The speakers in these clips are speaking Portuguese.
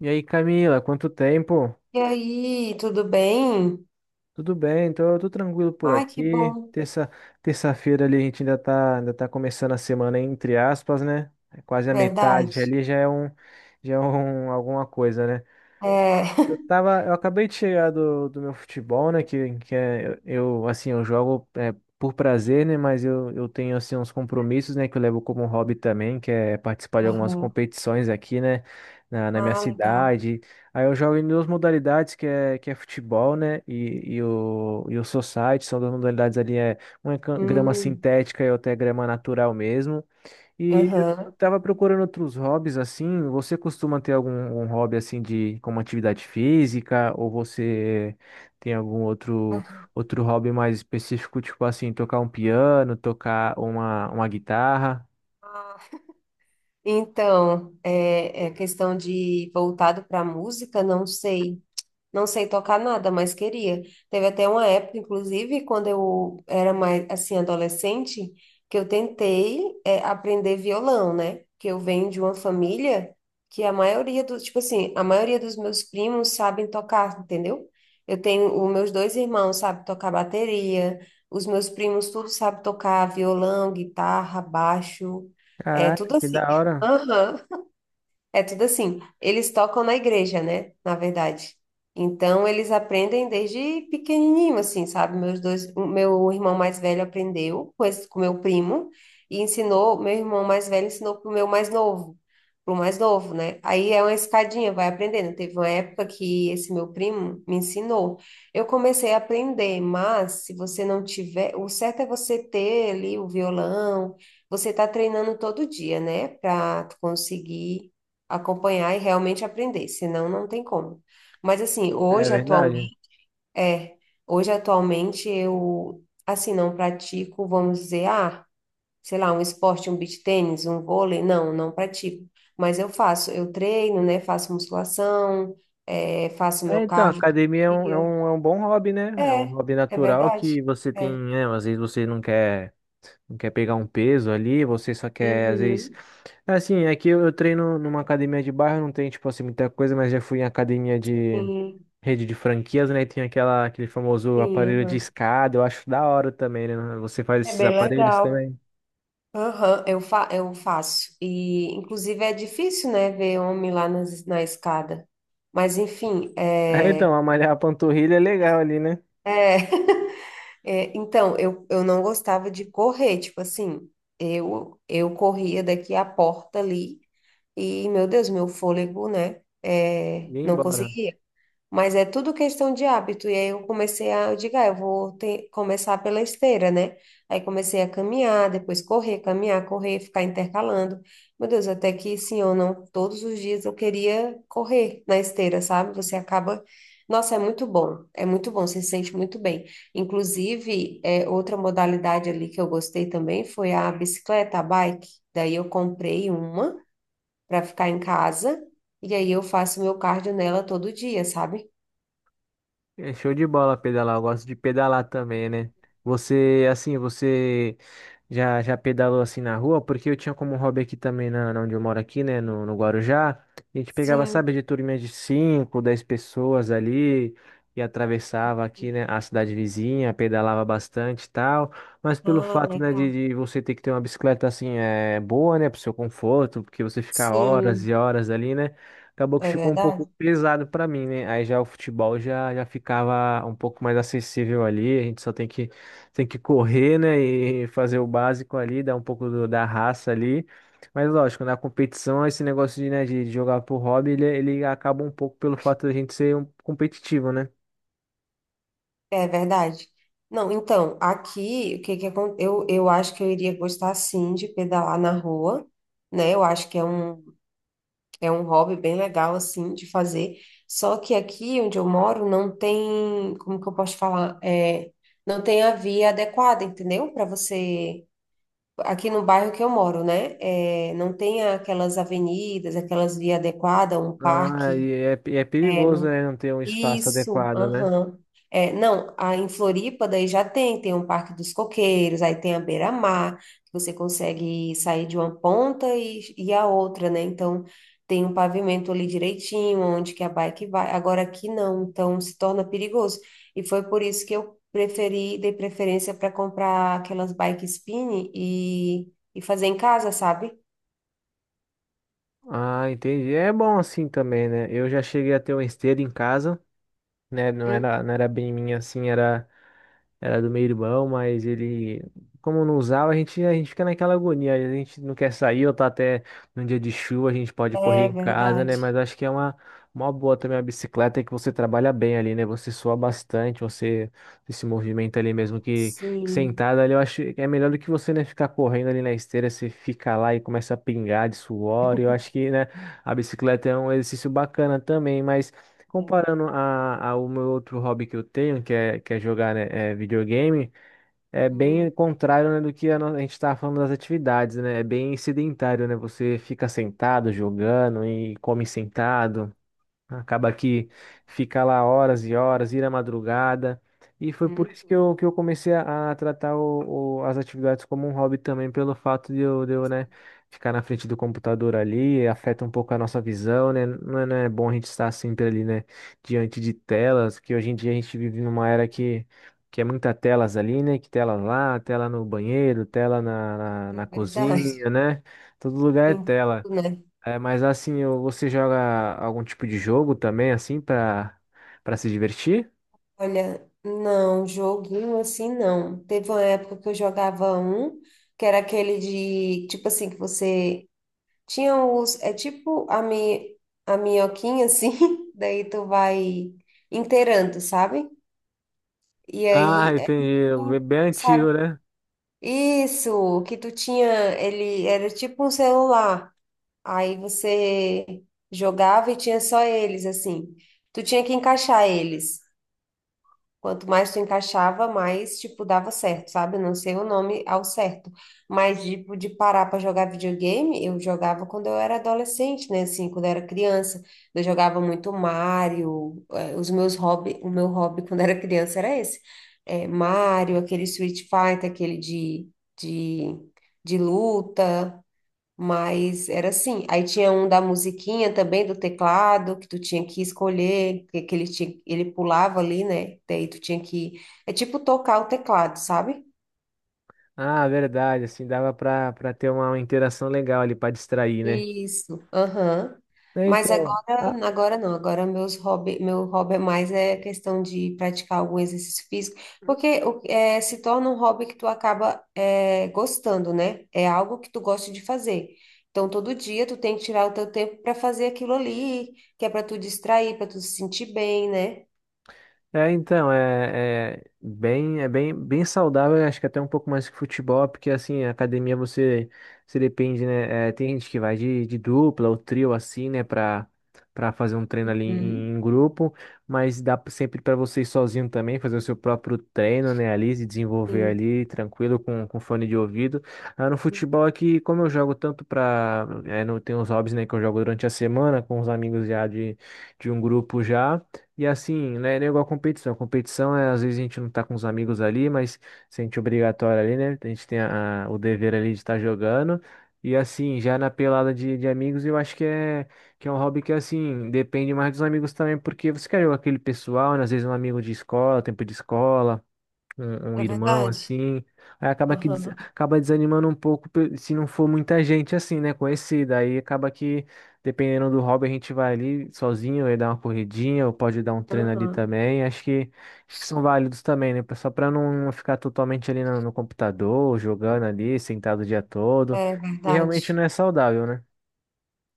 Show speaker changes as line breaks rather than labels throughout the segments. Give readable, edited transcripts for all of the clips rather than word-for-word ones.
E aí, Camila, quanto tempo?
E aí, tudo bem?
Tudo bem, tô tranquilo por
Ai, que
aqui.
bom,
Terça-feira ali a gente ainda tá começando a semana, entre aspas, né? É quase a metade
verdade.
ali, já é alguma coisa, né?
É.
Eu tava, eu acabei de chegar do meu futebol, né? Eu, assim, eu jogo é, por prazer, né? Mas eu tenho, assim, uns compromissos, né? Que eu levo como hobby também, que é participar de algumas
Aham.
competições aqui, né? Na minha
Ah, legal.
cidade. Aí eu jogo em duas modalidades, que é futebol, né? E o society, são duas modalidades ali, é uma é grama
Hum,
sintética e outra é grama natural mesmo. E eu
aham.
tava procurando outros hobbies assim. Você costuma ter algum hobby assim de como atividade física ou você tem algum outro
Aham.
outro hobby mais específico, tipo assim, tocar um piano, tocar uma guitarra?
Ah, então, é questão de voltado para a música, não sei. Não sei tocar nada, mas queria. Teve até uma época, inclusive, quando eu era mais, assim, adolescente, que eu tentei, aprender violão, né? Que eu venho de uma família que tipo assim, a maioria dos meus primos sabem tocar, entendeu? Os meus dois irmãos sabem tocar bateria, os meus primos tudo sabem tocar violão, guitarra, baixo, é
Caraca,
tudo
que
assim.
da hora.
Aham. É tudo assim. Eles tocam na igreja, né? Na verdade. Então, eles aprendem desde pequenininho, assim, sabe? O meu irmão mais velho aprendeu com esse, com meu primo e ensinou, meu irmão mais velho ensinou pro meu mais novo, pro mais novo, né? Aí é uma escadinha, vai aprendendo. Teve uma época que esse meu primo me ensinou. Eu comecei a aprender, mas se você não tiver, o certo é você ter ali o violão, você tá treinando todo dia, né? Pra tu conseguir acompanhar e realmente aprender, senão não tem como. Mas assim,
É verdade.
é, hoje atualmente eu assim não pratico, vamos dizer, ah, sei lá, um esporte, um beach tênis, um vôlei, não, não pratico. Mas eu faço, eu treino, né? Faço musculação, faço meu
É, então,
cardio todo
academia é um, é
dia.
um, é um bom hobby, né? É um
É,
hobby
é
natural que
verdade.
você tem,
É.
né? Às vezes você não quer pegar um peso ali, você só quer, às vezes.
Uhum.
É, assim, é que eu treino numa academia de bairro, não tem, tipo assim, muita coisa, mas já fui em academia de
Sim,
rede de franquias, né? E tem aquela, aquele famoso
sim,
aparelho de
aham.
escada, eu acho da hora também, né? Você faz
É
esses
bem
aparelhos
legal.
também.
Aham, eu faço. E, inclusive, é difícil, né, ver homem lá na escada. Mas, enfim,
É, então, a malhar a panturrilha é legal ali, né?
é, então, eu não gostava de correr, tipo assim, eu corria daqui à porta ali e, meu Deus, meu fôlego, né,
E ir
não
embora.
conseguia. Mas é tudo questão de hábito. E aí eu comecei a, eu digo, ah, eu vou começar pela esteira, né? Aí comecei a caminhar, depois correr, caminhar, correr, ficar intercalando. Meu Deus, até que sim ou não, todos os dias eu queria correr na esteira, sabe? Você acaba. Nossa, é muito bom, você se sente muito bem. Inclusive, outra modalidade ali que eu gostei também foi a bicicleta, a bike. Daí eu comprei uma para ficar em casa, e aí eu faço meu cardio nela todo dia, sabe?
É show de bola pedalar, eu gosto de pedalar também, né? Você, assim, você já pedalou assim na rua? Porque eu tinha como hobby aqui também, na onde eu moro aqui, né, no Guarujá. A gente pegava,
Sim.
sabe, de turminha de 5, 10 pessoas ali e atravessava aqui, né, a cidade vizinha, pedalava bastante e tal. Mas pelo
Ah,
fato, né,
legal.
de você ter que ter uma bicicleta, assim, é, boa, né, pro seu conforto, porque você fica horas e
Sim,
horas ali, né? Acabou que
é
ficou um pouco
verdade?
pesado pra mim, né? Aí já o futebol já ficava um pouco mais acessível ali. A gente só tem que correr, né? E fazer o básico ali, dar um pouco da raça ali. Mas lógico, na competição, esse negócio de, né, de jogar por hobby, ele acaba um pouco pelo fato da gente ser um competitivo, né?
É verdade. Não, então, aqui, o que que acon- eu acho que eu iria gostar sim de pedalar na rua, né? Eu acho que é um hobby bem legal, assim, de fazer. Só que aqui onde eu moro não tem, como que eu posso falar? É, não tem a via adequada, entendeu? Para você. Aqui no bairro que eu moro, né? É, não tem aquelas avenidas, aquelas vias adequadas, um
Ah,
parque.
e é perigoso, né? Não ter um espaço
Isso,
adequado, né?
aham. É, não, em Floripa daí já tem um Parque dos Coqueiros, aí tem a Beira-Mar, que você consegue sair de uma ponta e, a outra, né? Então tem um pavimento ali direitinho, onde que a bike vai. Agora aqui não, então se torna perigoso. E foi por isso que eu preferi, dei preferência para comprar aquelas bike spin e fazer em casa, sabe?
Ah, entendi. É bom assim também, né? Eu já cheguei a ter uma esteira em casa, né? Não
Hum,
era, não era bem minha assim, era. Era do meu irmão, mas ele, como não usava, a gente fica naquela agonia. A gente não quer sair, ou tá até num dia de chuva, a gente pode correr
É
em casa, né?
verdade.
Mas acho que é uma boa também a bicicleta, é que você trabalha bem ali, né? Você sua bastante, você se movimenta ali mesmo que
Sim.
sentado ali. Eu acho que é melhor do que você, né, ficar correndo ali na esteira, você fica lá e começa a pingar de suor. Eu acho que, né, a bicicleta é um exercício bacana também, mas.
É.
Comparando a, ao meu outro hobby que eu tenho, que é jogar, né, é, videogame, é bem
Hum,
contrário, né, do que a, a gente estava falando das atividades, né? É bem sedentário, né? Você fica sentado jogando e come sentado. Acaba que fica lá horas e horas, ir à madrugada. E foi por
hum.
isso que eu comecei a tratar o, as atividades como um hobby também, pelo fato de eu né, ficar na frente do computador ali, afeta um pouco a nossa visão, né? Não é bom a gente estar sempre ali, né, diante de telas, que hoje em dia a gente vive numa era que é muita telas ali, né? Que tela lá, tela no banheiro, tela na, na,
É
na
verdade.
cozinha, né? Todo lugar é
Em-
tela.
Tudo, né?
É, mas assim, você joga algum tipo de jogo também, assim, pra, pra se divertir?
Olha, não, joguinho assim não. Teve uma época que eu jogava um, que era aquele de, tipo assim, que você tinha os, é tipo a minhoquinha assim, daí tu vai inteirando, sabe? E
Ah,
aí,
entendi. Bem
sabe?
antigo, né?
Isso, que tu tinha, ele era tipo um celular. Aí você jogava e tinha só eles, assim. Tu tinha que encaixar eles. Quanto mais tu encaixava, mais, tipo, dava certo, sabe? Não sei o nome ao certo. Mas, tipo, de parar para jogar videogame, eu jogava quando eu era adolescente, né? Assim, quando eu era criança. Eu jogava muito Mario. Os meus hobby, o meu hobby quando era criança era esse. É, Mario, aquele Street Fighter, aquele de, de luta. Mas era assim. Aí tinha um da musiquinha também, do teclado, que tu tinha que escolher, que ele tinha, ele pulava ali, né? Daí tu tinha que. É tipo tocar o teclado, sabe?
Ah, verdade. Assim, dava pra, pra ter uma interação legal ali, pra distrair, né?
Isso, aham.
É,
Mas
então.
agora, agora não, agora meus hobby, meu hobby é mais é questão de praticar algum exercício físico, porque se torna um hobby que tu acaba gostando, né? É algo que tu gosta de fazer. Então, todo dia tu tem que tirar o teu tempo para fazer aquilo ali, que é para tu distrair, para tu se sentir bem, né?
É, então, é, é bem, bem saudável, eu acho que até um pouco mais que futebol, porque assim, a academia você se depende, né? É, tem gente que vai de dupla ou trio assim, né, pra, pra fazer um treino ali em,
Uhum,
em grupo, mas dá sempre pra você ir sozinho também, fazer o seu próprio treino, né, ali, se desenvolver
sim,
ali, tranquilo, com fone de ouvido. Ah, no futebol aqui, como eu jogo tanto pra, é, não tem os hobbies, né, que eu jogo durante a semana com os amigos já de um grupo já. E assim, né, não é igual a competição. Competição é, às vezes a gente não tá com os amigos ali, mas sente obrigatório ali, né? A gente tem a- o dever ali de estar jogando. E assim, já na pelada de amigos, eu acho que é um hobby que, assim, depende mais dos amigos também, porque você quer jogar com aquele pessoal, né? Às vezes um amigo de escola, tempo de escola um, um
é
irmão
verdade.
assim, aí acaba que
Aham,
acaba desanimando um pouco se não for muita gente assim, né, conhecida. Aí acaba que dependendo do hobby a gente vai ali sozinho, aí dá uma corridinha, ou pode dar um treino ali
aham,
também. Acho que são válidos também, né, só para não ficar totalmente ali no, no computador, jogando ali, sentado o dia todo.
é
E realmente
verdade.
não é saudável, né?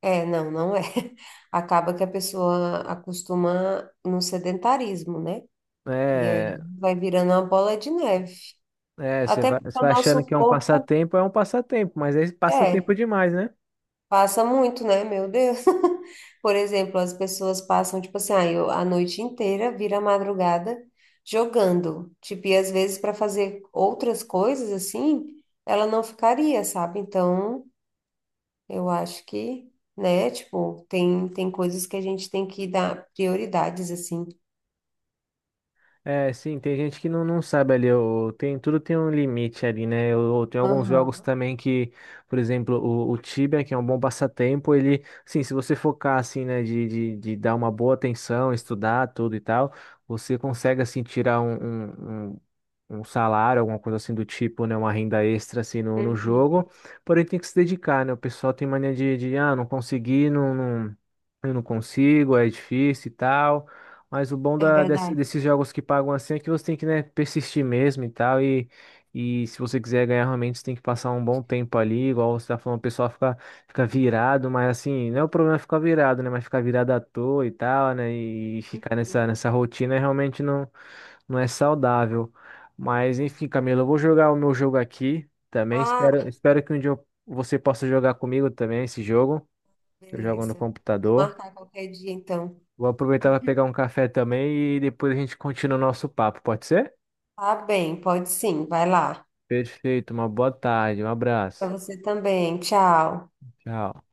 É, não, não é. Acaba que a pessoa acostuma no sedentarismo, né? E aí
É,
vai virando uma bola de neve.
é, você
Até
vai,
porque
você
o
vai achando que
nosso corpo,
é um passatempo, mas é
é,
passatempo demais, né?
passa muito, né? Meu Deus. Por exemplo, as pessoas passam, tipo assim, ah, a noite inteira, vira a madrugada jogando. Tipo, e às vezes para fazer outras coisas assim, ela não ficaria, sabe? Então. Eu acho que, né, tipo, tem coisas que a gente tem que dar prioridades, assim.
É, sim, tem gente que não, não sabe ali, o- tem, tudo tem um limite ali, né? Eu, tem alguns jogos
Aham.
também que, por exemplo, o Tibia, que é um bom passatempo, ele, sim, se você focar assim, né, de dar uma boa atenção, estudar tudo e tal, você consegue assim tirar um, um, um salário, alguma coisa assim do tipo, né, uma renda extra assim no
Uhum.
jogo, porém tem que se dedicar, né? O pessoal tem mania de ah, não consegui, não. Eu não consigo, é difícil e tal. Mas o bom
É verdade.
desses jogos que pagam assim é que você tem que, né, persistir mesmo e tal. E se você quiser ganhar realmente, você tem que passar um bom tempo ali. Igual você tá falando, o pessoal fica, fica virado, mas assim, não é o problema ficar virado, né? Mas ficar virado à toa e tal, né? E ficar nessa,
Uhum.
nessa rotina realmente não, não é saudável. Mas enfim, Camila, eu vou jogar o meu jogo aqui também. Espero,
Ah,
espero que um dia você possa jogar comigo também esse jogo. Eu jogo no
beleza.
computador.
Vamos marcar qualquer dia, então.
Vou aproveitar para pegar um café também e depois a gente continua o nosso papo, pode ser?
Tá bem, pode sim, vai lá.
Perfeito, uma boa tarde, um
Pra
abraço.
você também, tchau.
Tchau.